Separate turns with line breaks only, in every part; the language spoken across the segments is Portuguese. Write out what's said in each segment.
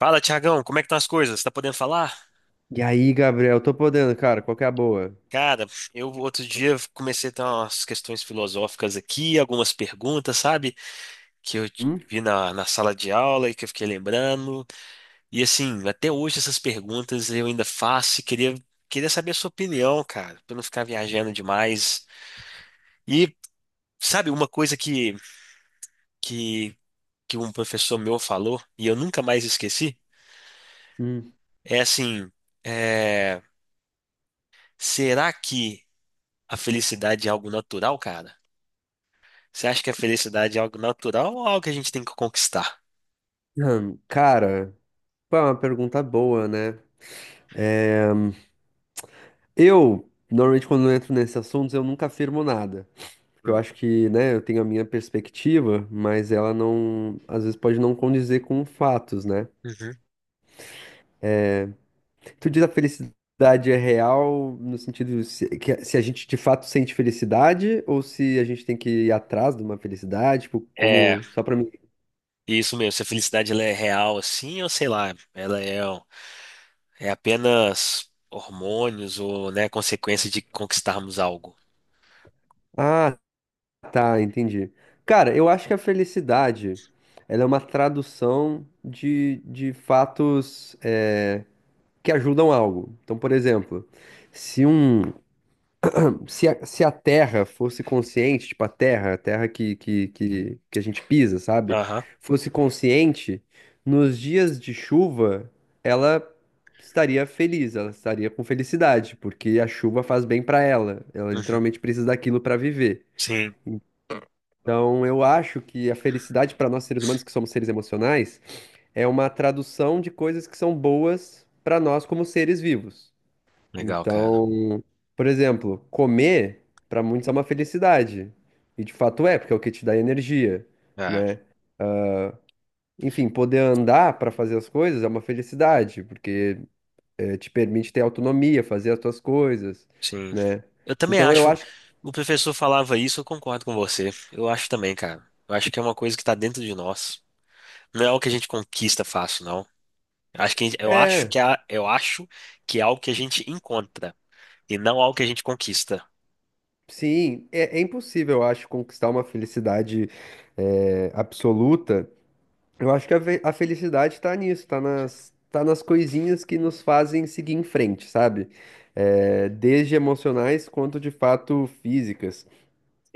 Fala, Tiagão, como é que estão as coisas? Tá podendo falar?
E aí, Gabriel, tô podendo, cara, qual que é a boa?
Cara, eu outro dia comecei a ter umas questões filosóficas aqui, algumas perguntas, sabe? Que eu
Hum?
vi na sala de aula e que eu fiquei lembrando. E assim, até hoje essas perguntas eu ainda faço e queria saber a sua opinião, cara, pra não ficar viajando demais. E sabe, uma coisa que, que um professor meu falou e eu nunca mais esqueci
Hum.
é assim, é, será que a felicidade é algo natural, cara? Você acha que a felicidade é algo natural ou algo que a gente tem que conquistar?
Cara, pô, é uma pergunta boa, né? Eu, normalmente quando eu entro nesses assuntos, eu nunca afirmo nada. Porque eu
Hum.
acho que, né, eu tenho a minha perspectiva, mas ela não, às vezes pode não condizer com fatos, né?
Uhum.
Tu diz a felicidade é real no sentido se, que, se a gente de fato sente felicidade ou se a gente tem que ir atrás de uma felicidade, tipo,
É,
como, só pra mim.
isso mesmo. Se a felicidade ela é real assim, ou sei lá, é apenas hormônios ou, né, consequência de conquistarmos algo.
Ah, tá, entendi. Cara, eu acho que a felicidade, ela é uma tradução de fatos que ajudam algo. Então, por exemplo, se um, se a Terra fosse consciente, tipo a Terra que a gente pisa, sabe?
Aham.
Fosse consciente, nos dias de chuva, ela estaria feliz, ela estaria com felicidade, porque a chuva faz bem pra ela. Ela
Uhum.
literalmente precisa daquilo pra viver.
Sim.
Então, eu acho que a felicidade para nós seres humanos, que somos seres emocionais, é uma tradução de coisas que são boas para nós como seres vivos.
Legal, cara.
Então, por exemplo, comer para muitos é uma felicidade. E de fato é, porque é o que te dá energia,
Ah,
né? Enfim, poder andar para fazer as coisas é uma felicidade, porque te permite ter autonomia, fazer as tuas coisas,
sim.
né?
Eu também
Então, eu
acho.
acho que
O professor falava isso, eu concordo com você. Eu acho também, cara. Eu acho que é uma coisa que tá dentro de nós. Não é algo que a gente conquista fácil, não. Eu acho que a gente- eu acho
é.
que é, eu acho que é algo que a gente encontra e não algo que a gente conquista.
Sim, é impossível, eu acho, conquistar uma felicidade absoluta. Eu acho que a felicidade tá nisso, tá nas coisinhas que nos fazem seguir em frente, sabe? É, desde emocionais quanto de fato físicas.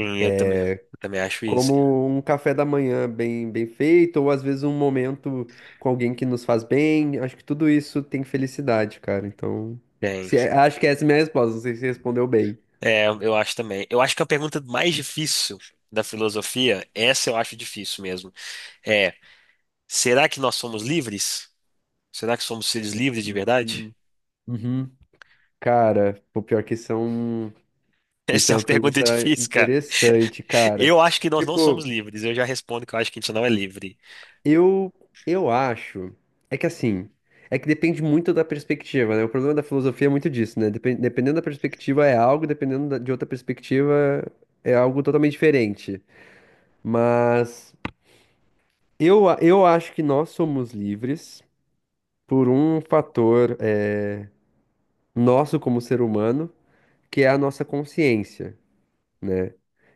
Sim, eu também acho isso.
Como um café da manhã bem, bem feito, ou às vezes um momento com alguém que nos faz bem. Acho que tudo isso tem felicidade, cara. Então,
Tem.
se, é, acho que essa é a minha resposta. Não sei se respondeu bem.
É, eu acho também. Eu acho que a pergunta mais difícil da filosofia, essa eu acho difícil mesmo, é: será que nós somos livres? Será que somos seres livres de verdade?
Hum. Uhum. Cara, o pior que são. Isso
Essa
é
é
uma
uma pergunta
pergunta
difícil.
interessante, cara.
Eu acho que nós não somos
Tipo,
livres. Eu já respondo que eu acho que a gente não é livre.
eu eu acho que assim, é que depende muito da perspectiva, né? O problema da filosofia é muito disso, né? Dependendo da perspectiva é algo, dependendo de outra perspectiva é algo totalmente diferente. Mas eu acho que nós somos livres por um fator nosso como ser humano, que é a nossa consciência.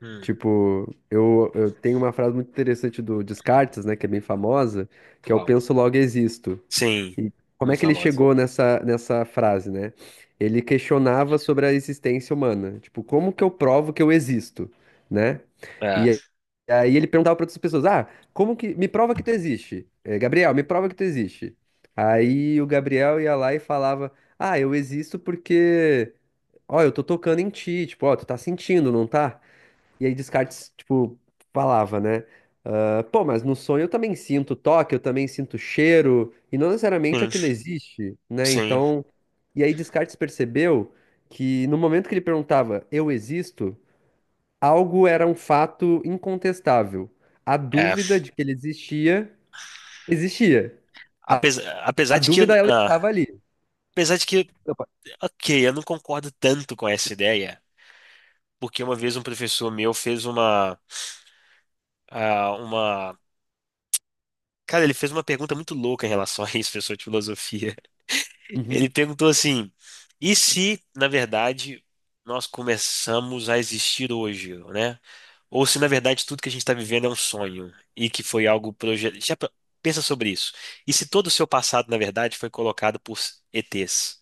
Hum,
Tipo, eu tenho uma frase muito interessante do Descartes, né, que é bem famosa, que é o
qual?
penso logo existo.
Sim,
E como é
muito
que ele
famoso.
chegou nessa frase, né? Ele questionava sobre a existência humana. Tipo, como que eu provo que eu existo, né?
É,
E aí ele perguntava para outras pessoas: "Ah, como que me prova que tu existe? Gabriel, me prova que tu existe." Aí o Gabriel ia lá e falava: "Ah, eu existo porque, ó, eu tô tocando em ti, tipo, ó, tu tá sentindo, não tá?" E aí Descartes, tipo, falava, né? Ah, pô, mas no sonho eu também sinto toque, eu também sinto cheiro, e não necessariamente
sim,
aquilo existe, né?
sim,
Então, e aí Descartes percebeu que no momento que ele perguntava, eu existo, algo era um fato incontestável. A
é.
dúvida de que ele existia, existia. A
Apesar de que,
dúvida, ela
ah,
estava ali.
apesar de que,
Opa.
ok, eu não concordo tanto com essa ideia, porque uma vez um professor meu fez uma, cara, ele fez uma pergunta muito louca em relação a isso, professor de filosofia.
Uhum.
Ele perguntou assim: e se, na verdade, nós começamos a existir hoje, né? Ou se, na verdade, tudo que a gente está vivendo é um sonho e que foi algo projetado. Pensa sobre isso. E se todo o seu passado, na verdade, foi colocado por ETs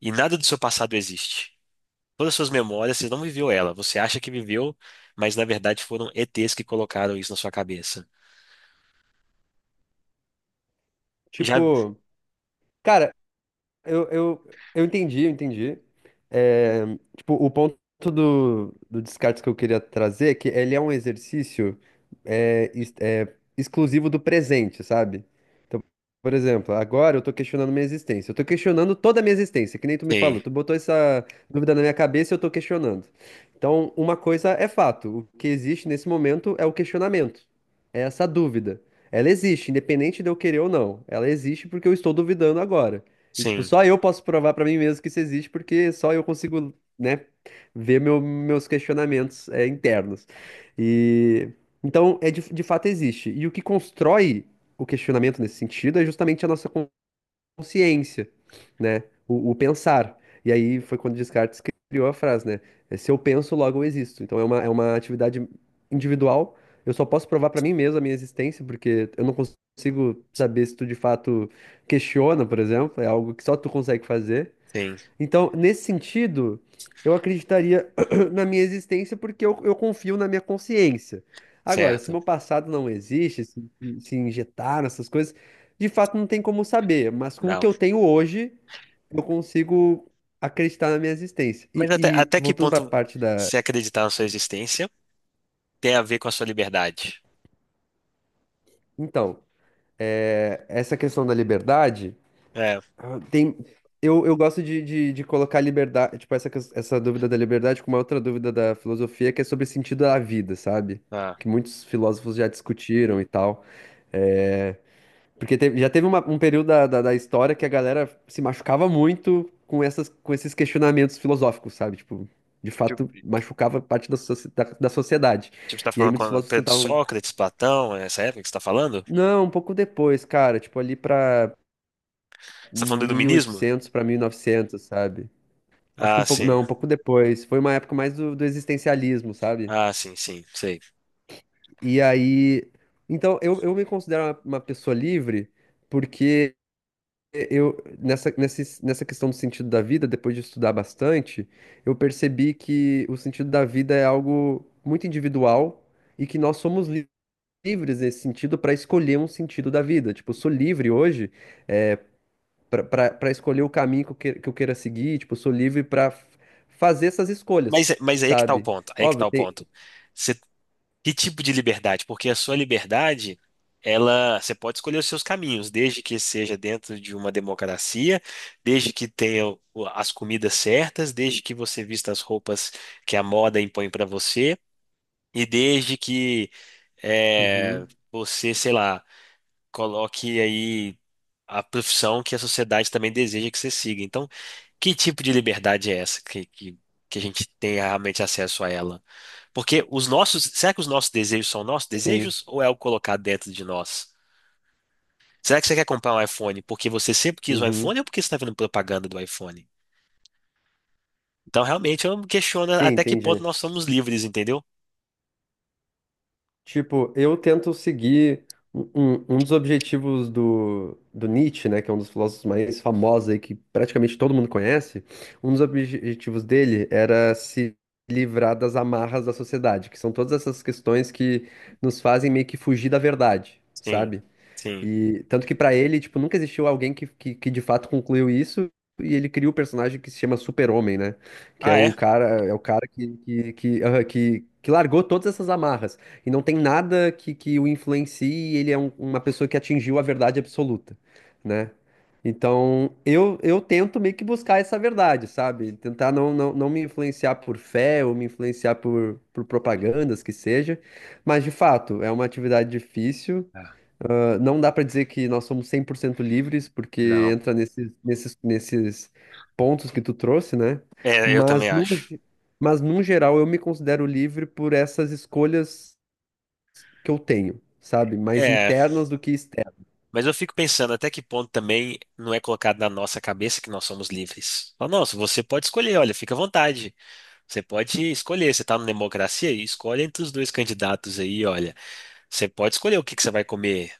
e nada do seu passado existe? Todas as suas memórias, você não viveu ela. Você acha que viveu, mas na verdade foram ETs que colocaram isso na sua cabeça. Já.
Tipo, cara, Eu entendi, eu entendi. É, tipo, o ponto do Descartes que eu queria trazer é que ele é um exercício é, es- é, exclusivo do presente, sabe? Então, por exemplo, agora eu tô questionando minha existência. Eu tô questionando toda a minha existência, que nem tu me
Sim,
falou. Tu botou essa dúvida na minha cabeça e eu tô questionando. Então, uma coisa é fato. O que existe nesse momento é o questionamento. É essa dúvida. Ela existe, independente de eu querer ou não. Ela existe porque eu estou duvidando agora. E, tipo,
sim,
só eu posso provar pra mim mesmo que isso existe, porque só eu consigo, né, ver meus questionamentos, internos. E então, de fato existe. E o que constrói o questionamento nesse sentido é justamente a nossa consciência, né? O pensar. E aí foi quando Descartes criou a frase, né? Se eu penso, logo eu existo. Então é uma atividade individual. Eu só posso provar para mim mesmo a minha existência, porque eu não consigo saber se tu de fato questiona, por exemplo. É algo que só tu consegue fazer.
sim,
Então, nesse sentido, eu acreditaria na minha existência porque eu confio na minha consciência. Agora, se
certo.
meu passado não existe, se injetar nessas coisas, de fato não tem como saber, mas com o que
Não.
eu tenho hoje, eu consigo acreditar na minha existência.
Mas
E, e
até que
voltando para a
ponto
parte da.
se acreditar na sua existência tem a ver com a sua liberdade?
Então, essa questão da liberdade.
É,
Ah, tem, eu gosto de colocar liberdade, tipo, essa dúvida da liberdade com uma outra dúvida da filosofia, que é sobre sentido da vida, sabe?
ah,
Que muitos filósofos já discutiram e tal. É, porque um período da história que a galera se machucava muito com com esses questionamentos filosóficos, sabe? Tipo, de fato,
tipo,
machucava parte da sociedade.
você está
E aí
falando
muitos
com
filósofos
Pedro de
tentavam.
Sócrates, Platão, essa época que você está falando?
Não, um pouco depois, cara, tipo, ali pra
Você está falando do iluminismo?
1800, pra 1900 sabe? Acho que um
Ah,
pouco,
sim.
não, um pouco depois. Foi uma época mais do existencialismo, sabe?
Ah, sim, sim, sei.
E aí, então eu me considero uma pessoa livre porque eu nessa questão do sentido da vida, depois de estudar bastante, eu percebi que o sentido da vida é algo muito individual e que nós somos livres nesse sentido para escolher um sentido da vida. Tipo, eu sou livre hoje para escolher o caminho que eu queira seguir, tipo, eu sou livre para fazer essas escolhas,
Mas aí é que tá o
sabe?
ponto, aí é que
Óbvio,
tá o
tem,
ponto. Você que tipo de liberdade? Porque a sua liberdade, ela, você pode escolher os seus caminhos, desde que seja dentro de uma democracia, desde que tenha as comidas certas, desde que você vista as roupas que a moda impõe para você, e desde que é,
uhum,
você, sei lá, coloque aí a profissão que a sociedade também deseja que você siga. Então, que tipo de liberdade é essa que a gente tem realmente acesso a ela? Porque os nossos, será que os nossos desejos são nossos
sim,
desejos ou é o colocado dentro de nós? Será que você quer comprar um iPhone porque você sempre quis um iPhone
uhum,
ou porque você está vendo propaganda do iPhone? Então, realmente, eu me questiono
sim,
até que ponto
entendi.
nós somos livres, entendeu?
Tipo, eu tento seguir um dos objetivos do Nietzsche, né, que é um dos filósofos mais famosos aí, que praticamente todo mundo conhece. Um dos objetivos dele era se livrar das amarras da sociedade, que são todas essas questões que nos fazem meio que fugir da verdade,
Sim,
sabe?
sim.
E tanto que pra ele, tipo, nunca existiu alguém que de fato concluiu isso. E ele cria o personagem que se chama Super-Homem, né? Que
Ah, é?
é o cara que largou todas essas amarras. E não tem nada que o influencie, e ele é uma pessoa que atingiu a verdade absoluta, né? Então, eu tento meio que buscar essa verdade, sabe? Tentar não, não, não me influenciar por fé ou me influenciar por propagandas que seja. Mas, de fato, é uma atividade difícil.
Ah,
Não dá para dizer que nós somos 100% livres, porque
não.
entra nesses pontos que tu trouxe, né?
É, eu também
Mas, no,
acho.
ge- mas, num geral, eu me considero livre por essas escolhas que eu tenho, sabe? Mais
É,
internas do que externas.
mas eu fico pensando até que ponto também não é colocado na nossa cabeça que nós somos livres. Fala, nossa, você pode escolher, olha, fica à vontade. Você pode escolher, você está numa democracia e escolhe entre os dois candidatos aí, olha. Você pode escolher o que que você vai comer.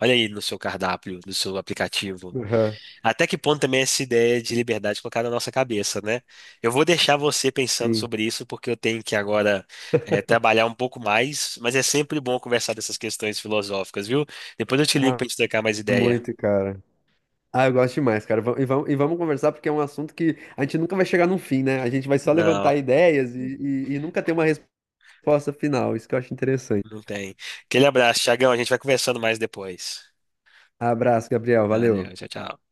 Olha aí no seu cardápio, no seu aplicativo.
Aham,
Até que ponto também essa ideia de liberdade colocada na nossa cabeça, né? Eu vou deixar você pensando
sim.
sobre isso, porque eu tenho que agora trabalhar um pouco mais, mas é sempre bom conversar dessas questões filosóficas, viu? Depois eu te ligo
Ah,
pra gente trocar mais ideia.
muito, cara. Ah, eu gosto demais, cara. E vamos conversar porque é um assunto que a gente nunca vai chegar num fim, né? A gente vai só
Não,
levantar ideias e, e nunca ter uma resposta final. Isso que eu acho interessante.
não tem. Aquele abraço, Thiagão. A gente vai conversando mais depois.
Abraço, Gabriel.
Valeu,
Valeu.
tchau, tchau.